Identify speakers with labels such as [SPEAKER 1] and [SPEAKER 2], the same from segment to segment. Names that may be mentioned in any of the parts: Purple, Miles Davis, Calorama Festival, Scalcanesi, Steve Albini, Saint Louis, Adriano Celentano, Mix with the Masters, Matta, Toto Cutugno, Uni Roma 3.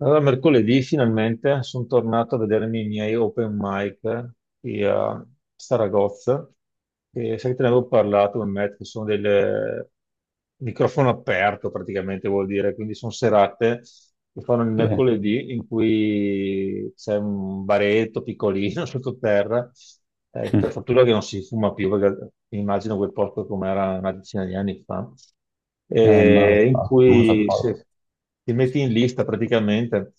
[SPEAKER 1] Allora, mercoledì finalmente sono tornato a vedermi i miei open mic qui a Saragozza, che sai che te ne avevo parlato con Matt, che sono del microfono aperto praticamente vuol dire, quindi sono serate che fanno il
[SPEAKER 2] Sì,
[SPEAKER 1] mercoledì in cui c'è un baretto piccolino sottoterra, per fortuna che non si fuma più, perché immagino quel posto com'era una decina di anni fa
[SPEAKER 2] ma
[SPEAKER 1] in
[SPEAKER 2] non so,
[SPEAKER 1] cui
[SPEAKER 2] poi
[SPEAKER 1] se- ti metti in lista praticamente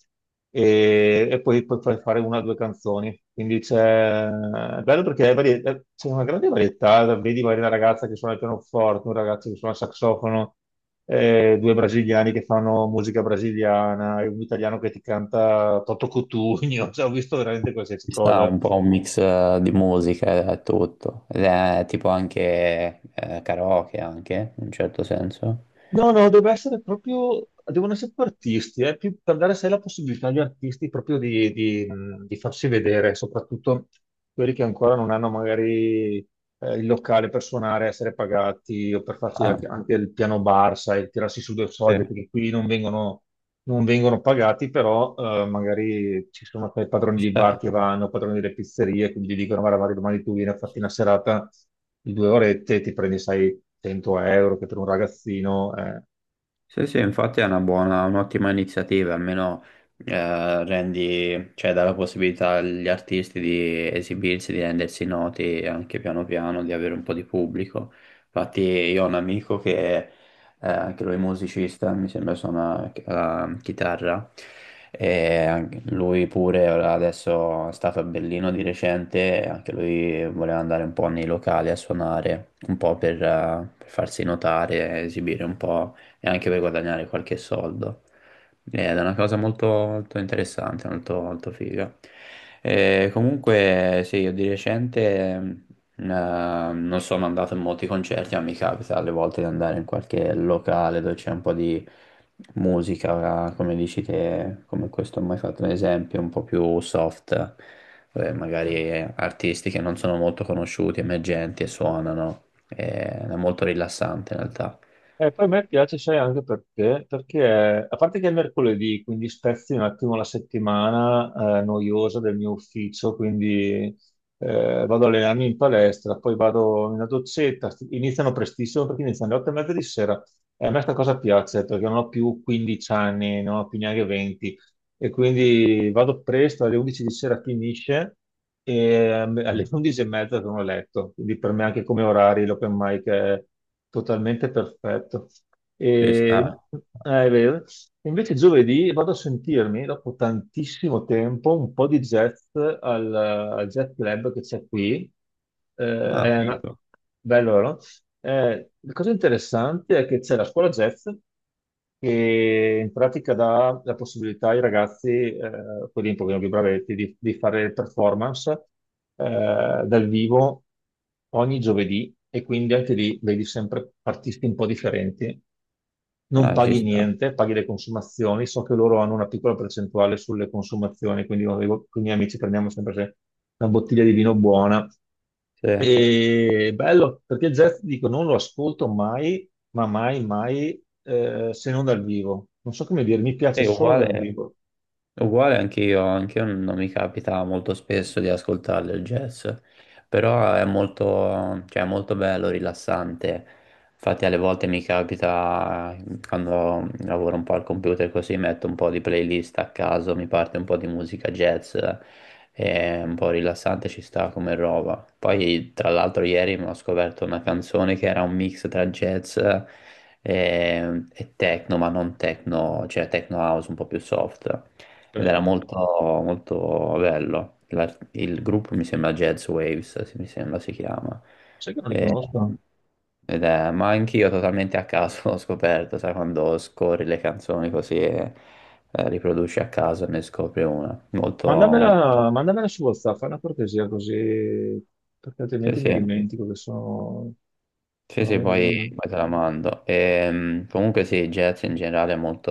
[SPEAKER 1] e poi puoi far fare una o due canzoni. Quindi è bello perché c'è una grande varietà, vedi magari una ragazza che suona il pianoforte, un ragazzo che suona il saxofono, due brasiliani che fanno musica brasiliana, e un italiano che ti canta Toto Cutugno, cioè, ho visto veramente qualsiasi
[SPEAKER 2] ci sta
[SPEAKER 1] cosa.
[SPEAKER 2] un po' un mix di musica e tutto, ed è tipo anche karaoke anche, in un certo senso.
[SPEAKER 1] No, no, deve essere proprio, devono essere proprio artisti, più per dare sai la possibilità agli artisti proprio di farsi vedere, soprattutto quelli che ancora non hanno magari il locale per suonare, essere pagati o per farsi anche,
[SPEAKER 2] Ah,
[SPEAKER 1] anche il piano bar, sai, tirarsi su due soldi,
[SPEAKER 2] sì,
[SPEAKER 1] perché qui non vengono pagati, però magari ci sono sai, padroni
[SPEAKER 2] ci
[SPEAKER 1] di bar
[SPEAKER 2] sta.
[SPEAKER 1] che vanno, padroni delle pizzerie, quindi gli dicono, guarda, Mario, domani tu vieni a farti una serata di due orette, ti prendi, sai, 100 euro, che per un ragazzino
[SPEAKER 2] Sì, sì, infatti è una buona, un'ottima iniziativa, almeno rendi, cioè dà la possibilità agli artisti di esibirsi, di rendersi noti anche piano piano, di avere un po' di pubblico. Infatti io ho un amico che anche lui è musicista, mi sembra suona la chitarra, e anche lui pure ora adesso è stato a Berlino di recente, e anche lui voleva andare un po' nei locali a suonare, un po' per farsi notare, esibire un po' e anche per guadagnare qualche soldo. Ed è una cosa molto, molto interessante, molto, molto figa. Comunque, sì, io di recente eh, non sono andato in molti concerti, ma mi capita alle volte di andare in qualche locale dove c'è un po' di musica, come dici te, come questo ho mai fatto un esempio, un po' più soft, magari artisti che non sono molto conosciuti, emergenti e suonano. È molto rilassante in realtà.
[SPEAKER 1] E poi a me piace, sai, anche perché, perché a parte che è mercoledì, quindi spezzi un attimo la settimana noiosa del mio ufficio, quindi vado a allenarmi in palestra, poi vado in una dozzetta, iniziano prestissimo perché iniziano alle 8 e mezza di sera. E a me sta cosa piace perché non ho più 15 anni, non ho più neanche 20, e quindi vado presto, alle 11 di sera finisce e alle 11 e mezza sono a letto, quindi per me anche come orari l'open mic è totalmente perfetto.
[SPEAKER 2] Ci sta.
[SPEAKER 1] E, ah, è vero. Invece giovedì vado a sentirmi, dopo tantissimo tempo, un po' di jazz al jazz club che c'è qui. Eh,
[SPEAKER 2] Ah,
[SPEAKER 1] è una-
[SPEAKER 2] figo.
[SPEAKER 1] Bello, no? La cosa interessante è che c'è la scuola jazz che in pratica dà la possibilità ai ragazzi, quelli un pochino più bravetti, di fare performance dal vivo ogni giovedì e quindi anche lì vedi sempre artisti un po' differenti. Non
[SPEAKER 2] Ah, ci
[SPEAKER 1] paghi
[SPEAKER 2] sta.
[SPEAKER 1] niente, paghi le consumazioni. So che loro hanno una piccola percentuale sulle consumazioni, quindi io dico, con i miei amici prendiamo sempre una bottiglia di vino buona.
[SPEAKER 2] Sì.
[SPEAKER 1] E bello, perché jazz, dico, non lo ascolto mai, ma mai, mai, se non dal vivo. Non so come dire, mi piace
[SPEAKER 2] È
[SPEAKER 1] solo dal
[SPEAKER 2] uguale.
[SPEAKER 1] vivo.
[SPEAKER 2] Uguale anche io non mi capita molto spesso di ascoltarle il jazz, però è molto, cioè, è molto bello, rilassante. Infatti alle volte mi capita, quando lavoro un po' al computer così, metto un po' di playlist a caso, mi parte un po' di musica jazz, è un po' rilassante, ci sta come roba. Poi tra l'altro ieri mi ho scoperto una canzone che era un mix tra jazz e techno, ma non techno, cioè techno house un po' più soft ed era
[SPEAKER 1] Ok?
[SPEAKER 2] molto, molto bello. Il gruppo mi sembra Jazz Waves, mi sembra si chiama.
[SPEAKER 1] Sai che non li
[SPEAKER 2] E-
[SPEAKER 1] conosco?
[SPEAKER 2] ma anch'io totalmente a caso l'ho scoperto, sai, quando scorri le canzoni così e riproduci a caso e ne scopri una. Molto, molto-
[SPEAKER 1] Mandamela, mandamela su WhatsApp, fai una cortesia così, perché
[SPEAKER 2] sì,
[SPEAKER 1] altrimenti mi
[SPEAKER 2] sì.
[SPEAKER 1] dimentico che sono...
[SPEAKER 2] Sì,
[SPEAKER 1] non
[SPEAKER 2] sì, poi,
[SPEAKER 1] mi-
[SPEAKER 2] poi te la mando. Comunque sì, jazz in generale è molto,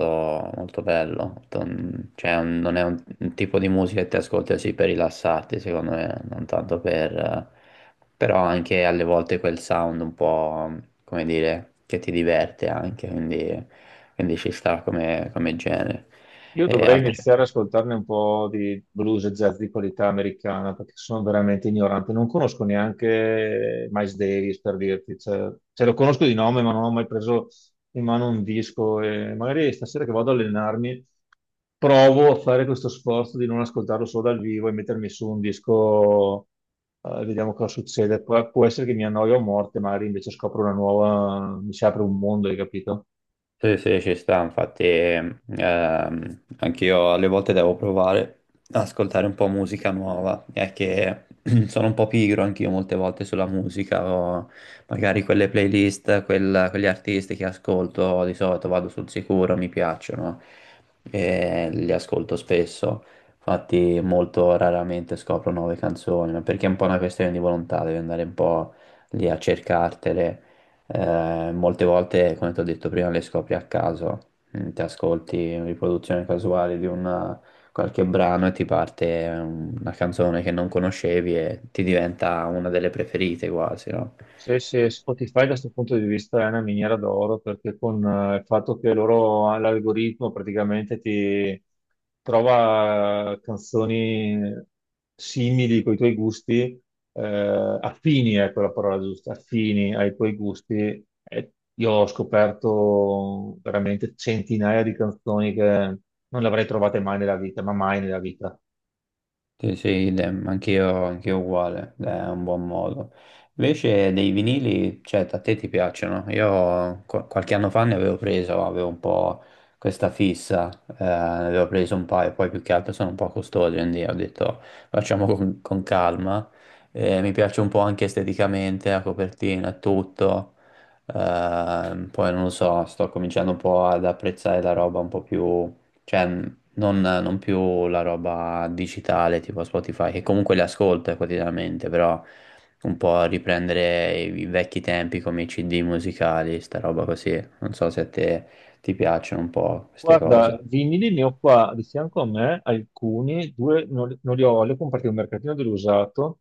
[SPEAKER 2] molto bello, cioè non è un tipo di musica che ti ascolti così per rilassarti, secondo me, non tanto per... però anche alle volte quel sound un po', come dire, che ti diverte anche, quindi, quindi ci sta come, come genere.
[SPEAKER 1] Io
[SPEAKER 2] E ho
[SPEAKER 1] dovrei
[SPEAKER 2] altri
[SPEAKER 1] iniziare ad ascoltarne un po' di blues e jazz di qualità americana perché sono veramente ignorante. Non conosco neanche Miles Davis per dirti, cioè, lo conosco di nome, ma non ho mai preso in mano un disco. E magari stasera che vado ad allenarmi provo a fare questo sforzo di non ascoltarlo solo dal vivo e mettermi su un disco, vediamo cosa succede. Può essere che mi annoio a morte, magari invece scopro una nuova, mi si apre un mondo, hai capito?
[SPEAKER 2] sì, sì, ci sta, infatti anch'io alle volte devo provare ad ascoltare un po' musica nuova, è che sono un po' pigro anch'io molte volte sulla musica, o magari quelle playlist, quegli artisti che ascolto di solito vado sul sicuro, mi piacciono e li ascolto spesso, infatti molto raramente scopro nuove canzoni, ma perché è un po' una questione di volontà, devi andare un po' lì a cercartele. Molte volte, come ti ho detto prima, le scopri a caso, mm, ti ascolti una riproduzione casuale di una- qualche brano e ti parte una canzone che non conoscevi e ti diventa una delle preferite quasi, no?
[SPEAKER 1] Sì, sì, Spotify da questo punto di vista è una miniera d'oro perché con il fatto che loro l'algoritmo praticamente ti trova canzoni simili con i tuoi gusti, affini, ecco la parola giusta, affini ai tuoi gusti. E io ho scoperto veramente centinaia di canzoni che non le avrei trovate mai nella vita, ma mai nella vita.
[SPEAKER 2] Sì, sì, idem, anch'io uguale, è un buon modo. Invece dei vinili, cioè, a te ti piacciono? Io qualche anno fa ne avevo preso, avevo un po' questa fissa, ne avevo preso un paio, poi più che altro sono un po' costosi, quindi ho detto facciamo con calma. Mi piace un po' anche esteticamente, la copertina, e tutto. Poi non lo so, sto cominciando un po' ad apprezzare la roba un po' più... Cioè, non, non più la roba digitale tipo Spotify, che comunque le ascolto quotidianamente, però un po' riprendere i, i vecchi tempi come i CD musicali, sta roba così. Non so se a te ti piacciono un po' queste cose.
[SPEAKER 1] Guarda, vinili ne ho qua di fianco a me alcuni, due non, li non li ho, li ho comprati al mercatino dell'usato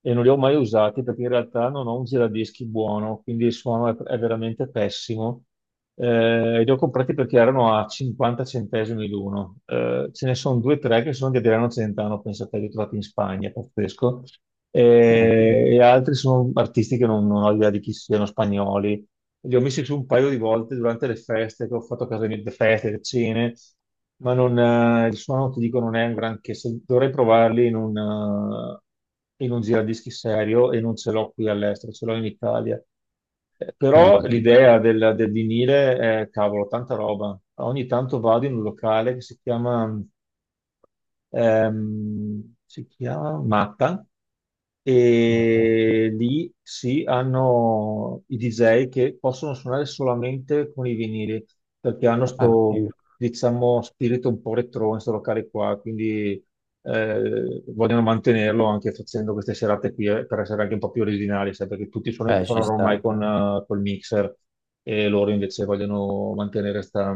[SPEAKER 1] e non li ho mai usati perché in realtà non ho un giradischi buono, quindi il suono è veramente pessimo. Li ho comprati perché erano a 50 centesimi l'uno. Ce ne sono due o tre che sono di Adriano Celentano, pensate, li ho trovati in Spagna, pazzesco. Altri sono artisti che non ho idea di chi siano, spagnoli. Li ho messi su un paio di volte durante le feste che ho fatto a casa mia, le feste, le cene, ma non, il suono, ti dico, non è un granché. Dovrei provarli in un giradischi serio e non ce l'ho qui all'estero, ce l'ho in Italia. Però
[SPEAKER 2] Ah,
[SPEAKER 1] l'idea del vinile è, cavolo, tanta roba. Ogni tanto vado in un locale che si chiama Matta, e lì sì, hanno i DJ che possono suonare solamente con i vinili, perché hanno
[SPEAKER 2] ah,
[SPEAKER 1] sto,
[SPEAKER 2] sì.
[SPEAKER 1] diciamo, spirito un po' retro in sto locale qua, quindi vogliono mantenerlo anche facendo queste serate qui per essere anche un po' più originali, sai, perché tutti sono
[SPEAKER 2] Ci
[SPEAKER 1] ormai
[SPEAKER 2] sta.
[SPEAKER 1] con col mixer e loro invece vogliono mantenere questa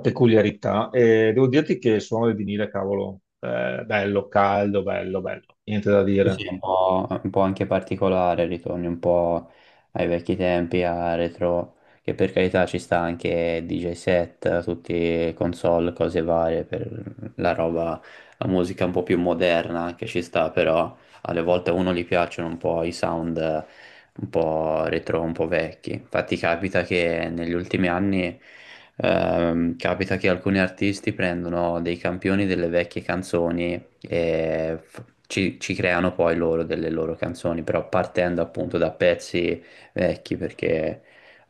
[SPEAKER 1] peculiarità. E devo dirti che il suono del vinile, cavolo, bello, caldo, bello, bello, niente da
[SPEAKER 2] Sì,
[SPEAKER 1] dire.
[SPEAKER 2] sì, un po' anche particolare, ritorni un po' ai vecchi tempi, a retro, che per carità ci sta anche DJ set, tutti console, cose varie, per la roba, la musica un po' più moderna anche ci sta, però alle volte a uno gli piacciono un po' i sound un po' retro, un po' vecchi. Infatti capita che negli ultimi anni capita che alcuni artisti prendono dei campioni delle vecchie canzoni e ci, ci creano poi loro delle loro canzoni, però partendo appunto da pezzi vecchi perché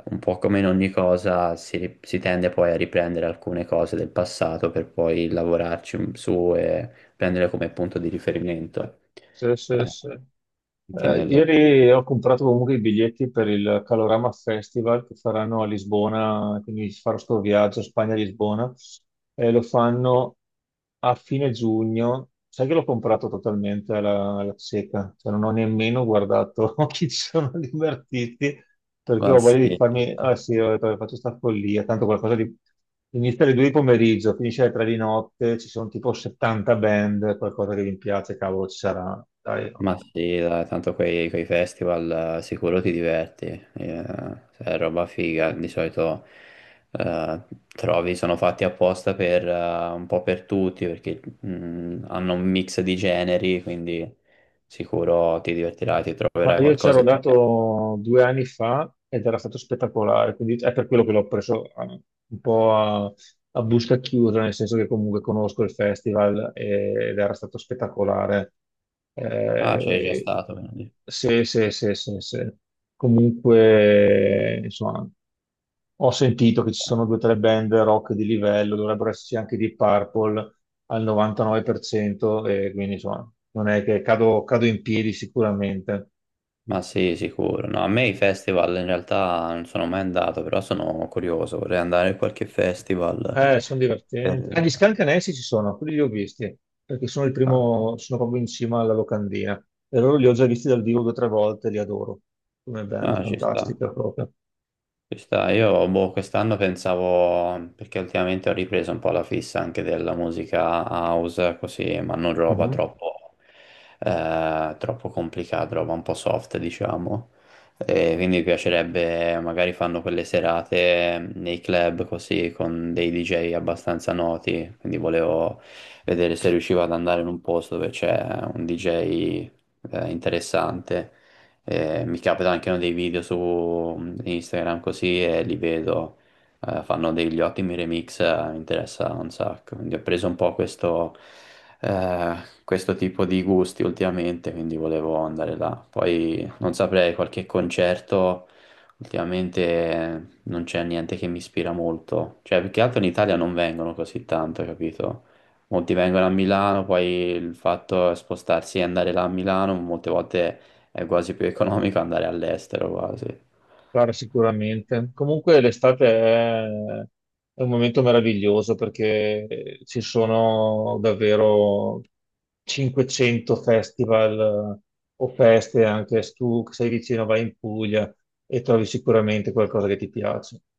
[SPEAKER 2] un po' come in ogni cosa si, si tende poi a riprendere alcune cose del passato per poi lavorarci su e prendere come punto di riferimento
[SPEAKER 1] Sì, sì,
[SPEAKER 2] eh,
[SPEAKER 1] sì.
[SPEAKER 2] anche nel,
[SPEAKER 1] Ieri ho comprato comunque i biglietti per il Calorama Festival che faranno a Lisbona, quindi farò sto viaggio Spagna-Lisbona e lo fanno a fine giugno. Sai che l'ho comprato totalmente alla cieca, cioè non ho nemmeno guardato chi ci sono gli artisti perché
[SPEAKER 2] ma
[SPEAKER 1] ho voglia di
[SPEAKER 2] sì,
[SPEAKER 1] farmi, ah sì, ho detto, faccio sta follia, tanto qualcosa di... Inizia alle 2 di pomeriggio, finisce alle 3 di notte, ci sono tipo 70 band, qualcosa che vi piace, cavolo, ci sarà. Dai, no.
[SPEAKER 2] ma sì, dai, tanto quei, quei festival sicuro ti diverti, cioè, è roba figa, di solito eh, trovi, sono fatti apposta per, un po' per tutti, perché hanno un mix di generi, quindi sicuro ti divertirai, ti
[SPEAKER 1] Ma
[SPEAKER 2] troverai
[SPEAKER 1] io
[SPEAKER 2] qualcosa
[SPEAKER 1] c'ero
[SPEAKER 2] e ti piace.
[SPEAKER 1] dato 2 anni fa ed era stato spettacolare, quindi è per quello che l'ho preso un po' a busca chiusa, nel senso che comunque conosco il festival ed era stato spettacolare.
[SPEAKER 2] Ah, c'è già
[SPEAKER 1] Eh,
[SPEAKER 2] stato, quindi.
[SPEAKER 1] sì, sì, sì, sì, sì. Comunque, insomma, ho sentito che ci sono due o tre band rock di livello, dovrebbero esserci anche di Purple al 99%, e quindi insomma, non è che cado in piedi sicuramente.
[SPEAKER 2] Ma sì, sicuro. No, a me i festival in realtà non sono mai andato, però sono curioso, vorrei andare a qualche festival.
[SPEAKER 1] Sono divertenti. Ah, gli
[SPEAKER 2] per-
[SPEAKER 1] Scalcanesi ci sono, quelli li ho visti, perché sono il
[SPEAKER 2] ah,
[SPEAKER 1] primo, sono proprio in cima alla locandina. E loro li ho già visti dal vivo due o tre volte, li adoro. Come band,
[SPEAKER 2] ah, ci sta,
[SPEAKER 1] fantastica proprio.
[SPEAKER 2] ci sta. Io boh, quest'anno pensavo, perché ultimamente ho ripreso un po' la fissa anche della musica house, così, ma non roba
[SPEAKER 1] Mhm.
[SPEAKER 2] troppo, troppo complicata, roba un po' soft, diciamo. E quindi mi piacerebbe, magari fanno quelle serate nei club così, con dei DJ abbastanza noti, quindi volevo vedere se riuscivo ad andare in un posto dove c'è un DJ interessante mi capitano anche no, dei video su mm, Instagram così e li vedo, fanno degli ottimi remix, mi interessa un sacco. Quindi ho preso un po' questo, eh, questo tipo di gusti ultimamente, quindi volevo andare là. Poi non saprei, qualche concerto ultimamente non c'è niente che mi ispira molto. Cioè, più che altro in Italia non vengono così tanto, capito? Molti vengono a Milano, poi il fatto è spostarsi e andare là a Milano, molte volte è quasi più economico andare all'estero quasi.
[SPEAKER 1] Guarda, sicuramente. Comunque l'estate è un momento meraviglioso perché ci sono davvero 500 festival o feste, anche se tu sei vicino, vai in Puglia e trovi sicuramente qualcosa che ti piace.